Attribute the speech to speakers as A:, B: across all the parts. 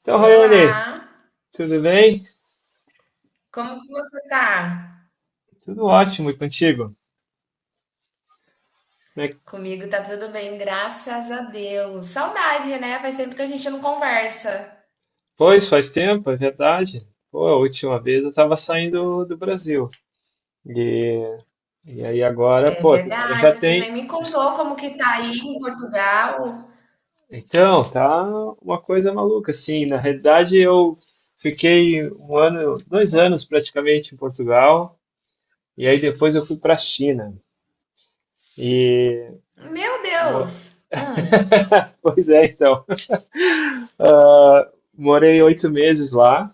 A: Então, Rayane,
B: Olá,
A: tudo bem?
B: como que você tá?
A: Tudo ótimo e contigo? Como é que-
B: Comigo tá tudo bem, graças a Deus. Saudade, né? Faz tempo que a gente não conversa.
A: Pois, faz tempo, é verdade. Pô, a última vez eu estava saindo do Brasil. E, e aí agora,
B: É
A: pô, agora já
B: verdade, tu nem
A: tem.
B: me contou como que tá aí em Portugal.
A: Então, tá uma coisa maluca, assim. Na realidade, eu fiquei um ano, 2 anos praticamente em Portugal. E aí depois eu fui para a China. E.
B: Meu
A: mo-
B: Deus! Hum,
A: Pois é, então. Ah, morei 8 meses lá.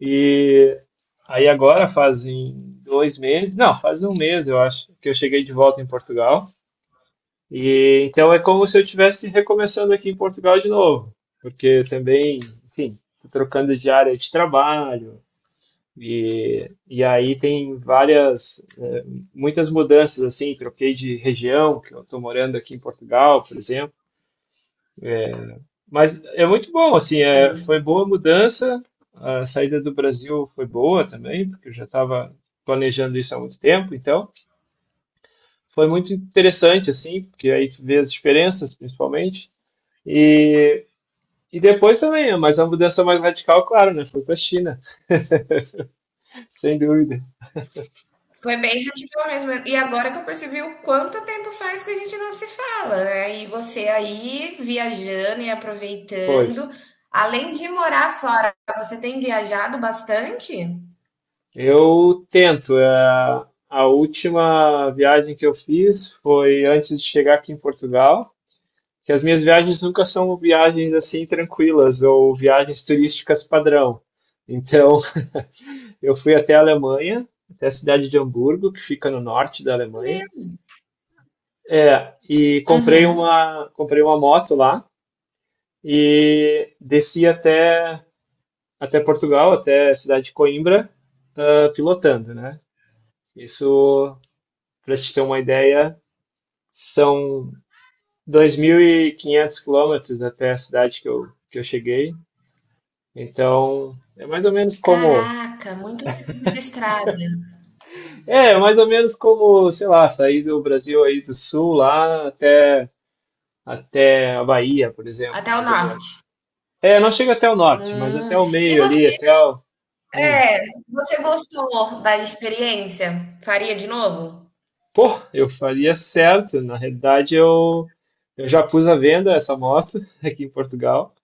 A: E aí agora fazem 2 meses, não, faz um mês, eu acho, que eu cheguei de volta em Portugal. E então é como se eu estivesse recomeçando aqui em Portugal de novo, porque eu também, enfim, tô trocando de área de trabalho e aí tem várias, eh, muitas mudanças assim, troquei de região, que eu estou morando aqui em Portugal, por exemplo. Mas é muito bom, assim, é, foi
B: hum.
A: boa mudança. A saída do Brasil foi boa também, porque eu já estava planejando isso há muito tempo, então foi muito interessante, assim, porque aí tu vê as diferenças, principalmente. E, e depois também, mas a mudança mais radical, claro, né? Foi para a China, sem dúvida.
B: Foi bem radical mesmo. E agora que eu percebi o quanto tempo faz que a gente não se fala, né? E você aí viajando e
A: Pois,
B: aproveitando. Além de morar fora, você tem viajado bastante?
A: eu tento. A última viagem que eu fiz foi antes de chegar aqui em Portugal. Que as minhas viagens nunca são viagens assim tranquilas ou viagens turísticas padrão. Então, eu fui até a Alemanha, até a cidade de Hamburgo, que fica no norte da Alemanha,
B: Meu.
A: é, e comprei
B: Uhum.
A: uma, comprei uma moto lá e desci até Portugal, até a cidade de Coimbra, ah, pilotando, né? Isso, para te ter uma ideia, são 2.500 quilômetros até a cidade que eu cheguei. Então, é mais ou menos como,
B: Caraca, muito tempo de estrada,
A: é, mais ou menos como, sei lá, sair do Brasil aí do sul lá até a Bahia, por exemplo,
B: até o
A: mais ou
B: norte.
A: menos. É, não chega até o norte, mas até
B: Hum.
A: o
B: E
A: meio ali,
B: você,
A: até o, hum.
B: você gostou da experiência? Faria de novo?
A: Pô, eu faria certo. Na realidade, eu já pus à venda essa moto aqui em Portugal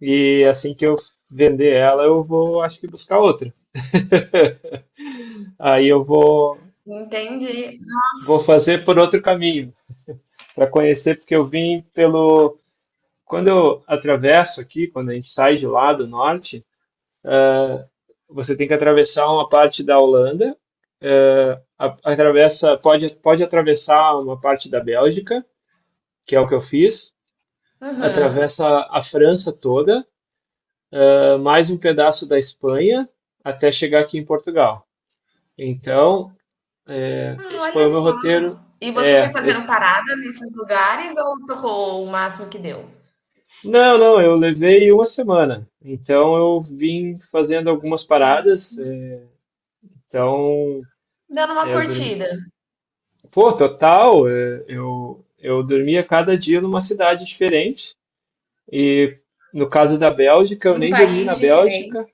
A: e assim que eu vender ela, eu vou, acho que buscar outra. Aí eu vou
B: Entendi.
A: vou fazer por outro caminho para conhecer, porque eu vim pelo Quando eu atravesso aqui, quando a gente sai de lá do norte, você tem que atravessar uma parte da Holanda, eh, atravessa, pode atravessar uma parte da Bélgica, que é o que eu fiz,
B: Uhum.
A: atravessa a França toda, eh, mais um pedaço da Espanha, até chegar aqui em Portugal. Então,
B: Ah,
A: esse foi
B: olha
A: o meu
B: só.
A: roteiro.
B: E você foi
A: É,
B: fazendo
A: esse-
B: parada nesses lugares ou tocou o máximo que deu?
A: Não, não, eu levei uma semana. Então, eu vim fazendo algumas paradas. Eh, então,
B: Dando uma
A: é, eu dormi,
B: curtida
A: pô, total. É, eu dormia cada dia numa cidade diferente. E no caso da Bélgica, eu
B: num
A: nem dormi na
B: país diferente.
A: Bélgica.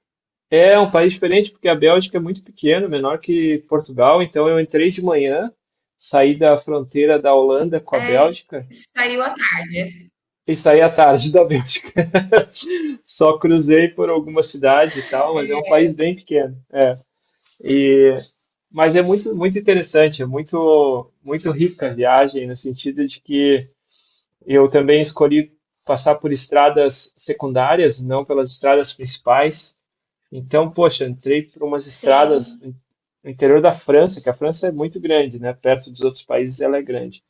A: É um país diferente porque a Bélgica é muito pequena, menor que Portugal. Então eu entrei de manhã, saí da fronteira da Holanda com a
B: É,
A: Bélgica
B: saiu à tarde.
A: e saí à tarde da Bélgica. Só cruzei por algumas cidades e tal, mas é um país bem pequeno. E mas é muito muito interessante, é muito muito rica a viagem no sentido de que eu também escolhi passar por estradas secundárias, não pelas estradas principais. Então, poxa, entrei por umas estradas
B: Sim,
A: no interior da França, que a França é muito grande, né? Perto dos outros países ela é grande.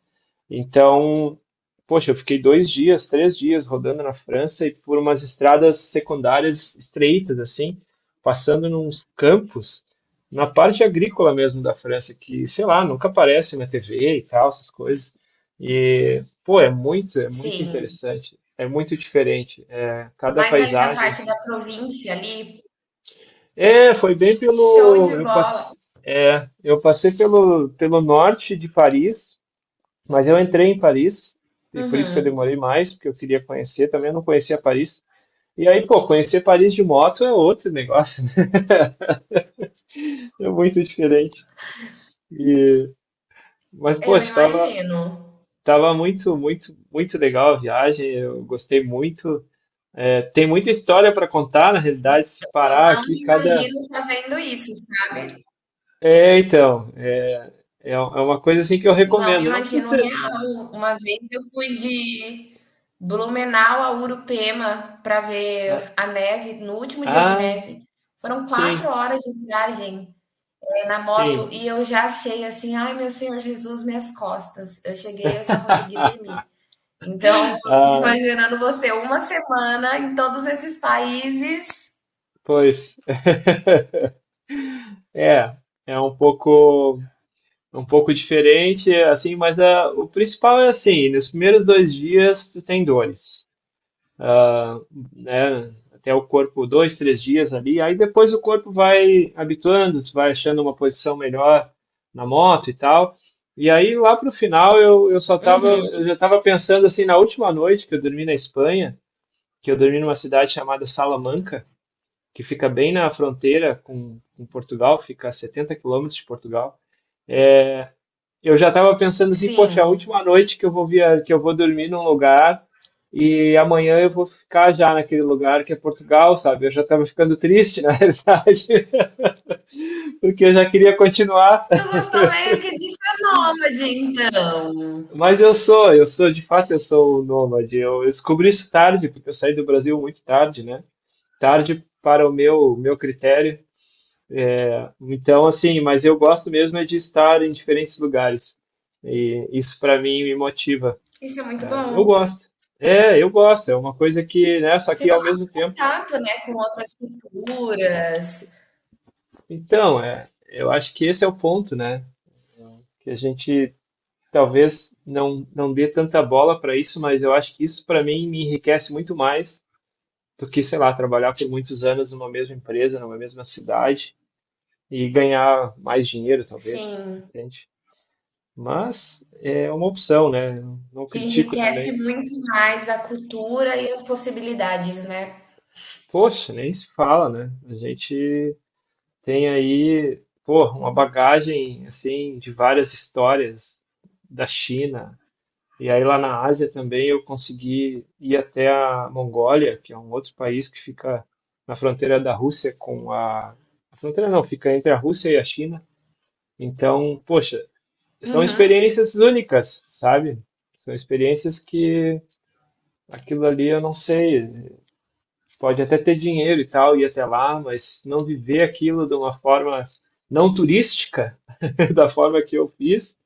A: Então, poxa, eu fiquei dois dias, três dias rodando na França e por umas estradas secundárias estreitas, assim, passando nos campos, na parte agrícola mesmo da França, que, sei lá, nunca aparece na TV e tal, essas coisas. E, pô, é muito
B: sim.
A: interessante, é muito diferente. É, cada
B: Mas ali da
A: paisagem,
B: parte da
A: assim.
B: província ali,
A: É, foi bem
B: show
A: pelo.
B: de
A: Eu
B: bola.
A: passei pelo norte de Paris, mas eu entrei em Paris, e por isso que eu
B: Uhum.
A: demorei mais, porque eu queria conhecer também, eu não conhecia Paris. E aí, pô, conhecer Paris de moto é outro negócio, né? É muito diferente. E, mas, pô,
B: Eu
A: estava
B: imagino.
A: estava muito, muito, muito legal a viagem, eu gostei muito. É, tem muita história para contar, na realidade, se parar
B: Não
A: aqui,
B: me
A: cada.
B: imagino fazendo isso, sabe?
A: É, então, é, é uma coisa assim que eu
B: Não me
A: recomendo. Não precisa
B: imagino
A: ser.
B: real. Uma vez eu fui de Blumenau a Urupema para ver
A: Ah,
B: a neve, no último dia de
A: ah,
B: neve. Foram quatro
A: sim,
B: horas de viagem, na moto
A: sim.
B: e eu já achei assim, ai meu Senhor Jesus, minhas costas. Eu cheguei, eu só consegui dormir. Então, eu fico
A: Ah,
B: imaginando você uma semana em todos esses países.
A: pois. É, é um pouco diferente, assim, mas ah, o principal é assim, nos primeiros dois dias tu tem dores, ah, né? Até o corpo, dois, três dias ali, aí depois o corpo vai habituando, tu vai achando uma posição melhor na moto e tal. E aí lá pro final eu só tava,
B: Uhum,
A: eu já tava pensando assim, na última noite que eu dormi na Espanha, que eu dormi numa cidade chamada Salamanca, que fica bem na fronteira com Portugal, fica a 70 quilômetros de Portugal. Eu já estava pensando assim, poxa, a
B: sim.
A: última noite que eu vou dormir num lugar e amanhã eu vou ficar já naquele lugar que é Portugal, sabe? Eu já estava ficando triste, na realidade, porque eu já queria continuar.
B: Tu gostou meio que de ser nômade, então.
A: Mas eu sou, de fato, eu sou um nômade. Eu descobri isso tarde, porque eu saí do Brasil muito tarde, né? Tarde para o meu critério. Então, assim, mas eu gosto mesmo é de estar em diferentes lugares. E isso para mim me motiva.
B: Isso é muito
A: Eu
B: bom.
A: gosto. É, eu gosto. É uma coisa que, né? Só
B: Sem
A: que ao
B: falar
A: mesmo tempo.
B: contato, né, com outras culturas.
A: Então, é, eu acho que esse é o ponto, né? Que a gente talvez não dê tanta bola para isso, mas eu acho que isso para mim me enriquece muito mais do que, sei lá, trabalhar por muitos anos numa mesma empresa, numa mesma cidade e ganhar mais dinheiro, talvez,
B: Sim,
A: entende? Mas é uma opção, né? Eu não
B: que
A: critico
B: enriquece
A: também.
B: muito mais a cultura e as possibilidades, né?
A: Poxa, nem se fala, né? A gente tem aí, pô, uma bagagem assim de várias histórias da China. E aí lá na Ásia também eu consegui ir até a Mongólia, que é um outro país que fica na fronteira da Rússia a fronteira não, fica entre a Rússia e a China. Então, poxa, são
B: Uhum.
A: experiências únicas, sabe? São experiências que aquilo ali eu não sei, pode até ter dinheiro e tal, ir até lá, mas não viver aquilo de uma forma não turística, da forma que eu fiz,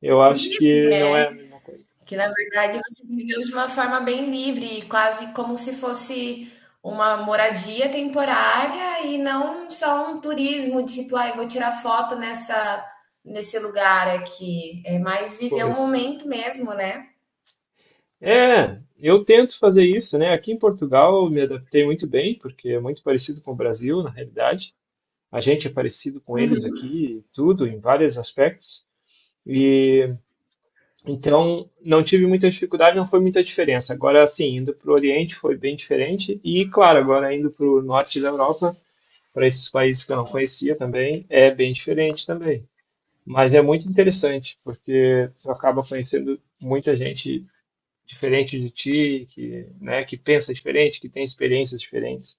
A: eu acho
B: Livre,
A: que não
B: né?
A: é a mesma coisa.
B: Que na verdade você viveu de uma forma bem livre, quase como se fosse uma moradia temporária e não só um turismo, tipo, ai, vou tirar foto nessa nesse lugar aqui. É mais viver o
A: Pois.
B: momento mesmo, né?
A: É, eu tento fazer isso, né? Aqui em Portugal eu me adaptei muito bem, porque é muito parecido com o Brasil, na realidade. A gente é parecido com eles
B: Uhum.
A: aqui, e tudo, em vários aspectos. E então não tive muita dificuldade, não foi muita diferença. Agora, assim, indo para o Oriente foi bem diferente. E, claro, agora indo para o norte da Europa, para esses países que eu não conhecia também, é bem diferente também. Mas é muito interessante, porque você acaba conhecendo muita gente diferente de ti, que, né, que pensa diferente, que tem experiências diferentes.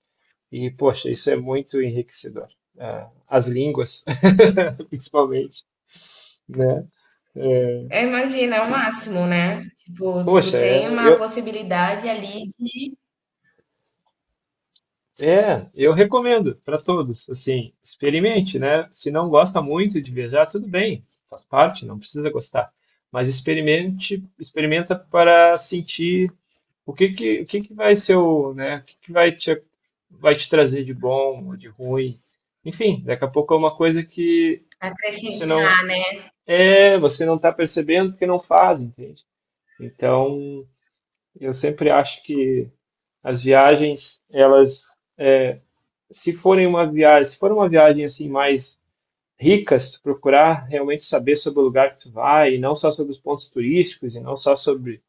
A: E, poxa, isso é muito enriquecedor. Ah, as línguas, principalmente, né? É,
B: É, imagina, é o máximo, né? Tipo, tu
A: poxa, é,
B: tem uma
A: eu,
B: possibilidade ali de
A: é, eu recomendo para todos, assim, experimente, né? Se não gosta muito de viajar, tudo bem, faz parte, não precisa gostar. Mas experimente, experimenta para sentir. O que que vai ser o, né? O que que vai te trazer de bom ou de ruim? Enfim, daqui a pouco é uma coisa que você não
B: acrescentar, né?
A: você não está percebendo porque não faz, entende? Então, eu sempre acho que as viagens, elas, se for uma viagem assim mais rica, se tu procurar realmente saber sobre o lugar que tu vai, e não só sobre os pontos turísticos, e não só sobre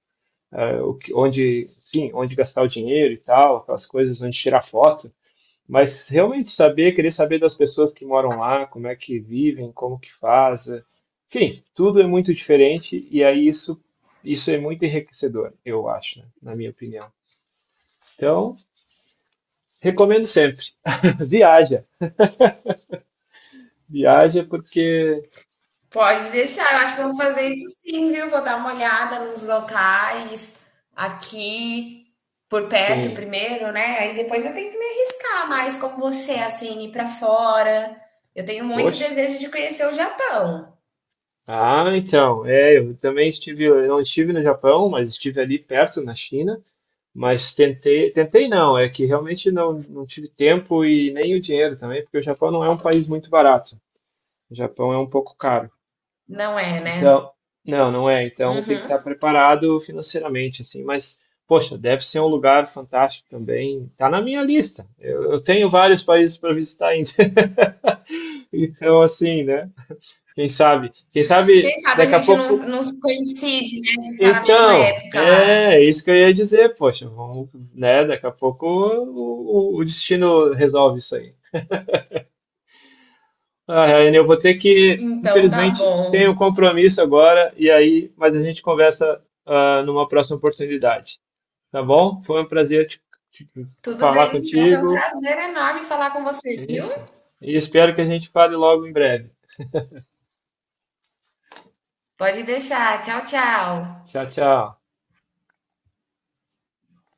A: eh, o que, onde, sim, onde gastar o dinheiro e tal, aquelas coisas, onde tirar foto. Mas realmente saber, querer saber das pessoas que moram lá, como é que vivem, como que fazem. Enfim, tudo é muito diferente e aí isso é muito enriquecedor, eu acho, né? Na minha opinião. Então, recomendo sempre. Viaja. Viaja porque,
B: Pode deixar, eu acho que eu vou fazer isso sim, viu? Vou dar uma olhada nos locais aqui por perto
A: sim,
B: primeiro, né? Aí depois eu tenho que me arriscar mais como você, assim, ir pra fora. Eu tenho muito
A: poxa.
B: desejo de conhecer o Japão,
A: Ah, então, é, eu não estive no Japão, mas estive ali perto, na China, mas tentei, tentei não, é que realmente não tive tempo e nem o dinheiro também, porque o Japão não é um país muito barato. O Japão é um pouco caro.
B: não é, né?
A: Então, não, não é. Então tem que estar
B: Uhum.
A: preparado financeiramente, assim. Mas, poxa, deve ser um lugar fantástico também. Tá na minha lista. Eu tenho vários países para visitar ainda. Então, assim, né? Quem sabe? Quem sabe
B: Quem sabe a
A: daqui a
B: gente não,
A: pouco.
B: não coincide, né? A gente tá na mesma
A: Então,
B: época
A: é
B: lá.
A: isso que eu ia dizer, poxa, vamos, né? Daqui a pouco o destino resolve isso aí. Ah, Ryan, eu vou ter que,
B: Então tá
A: infelizmente,
B: bom.
A: tenho um compromisso agora e aí, mas a gente conversa, ah, numa próxima oportunidade, tá bom? Foi um prazer te-
B: Tudo
A: falar
B: bem, então foi um
A: contigo.
B: prazer enorme falar com você, viu?
A: Isso. E espero que a gente fale logo em breve.
B: Pode deixar. Tchau, tchau.
A: Tchau, tchau.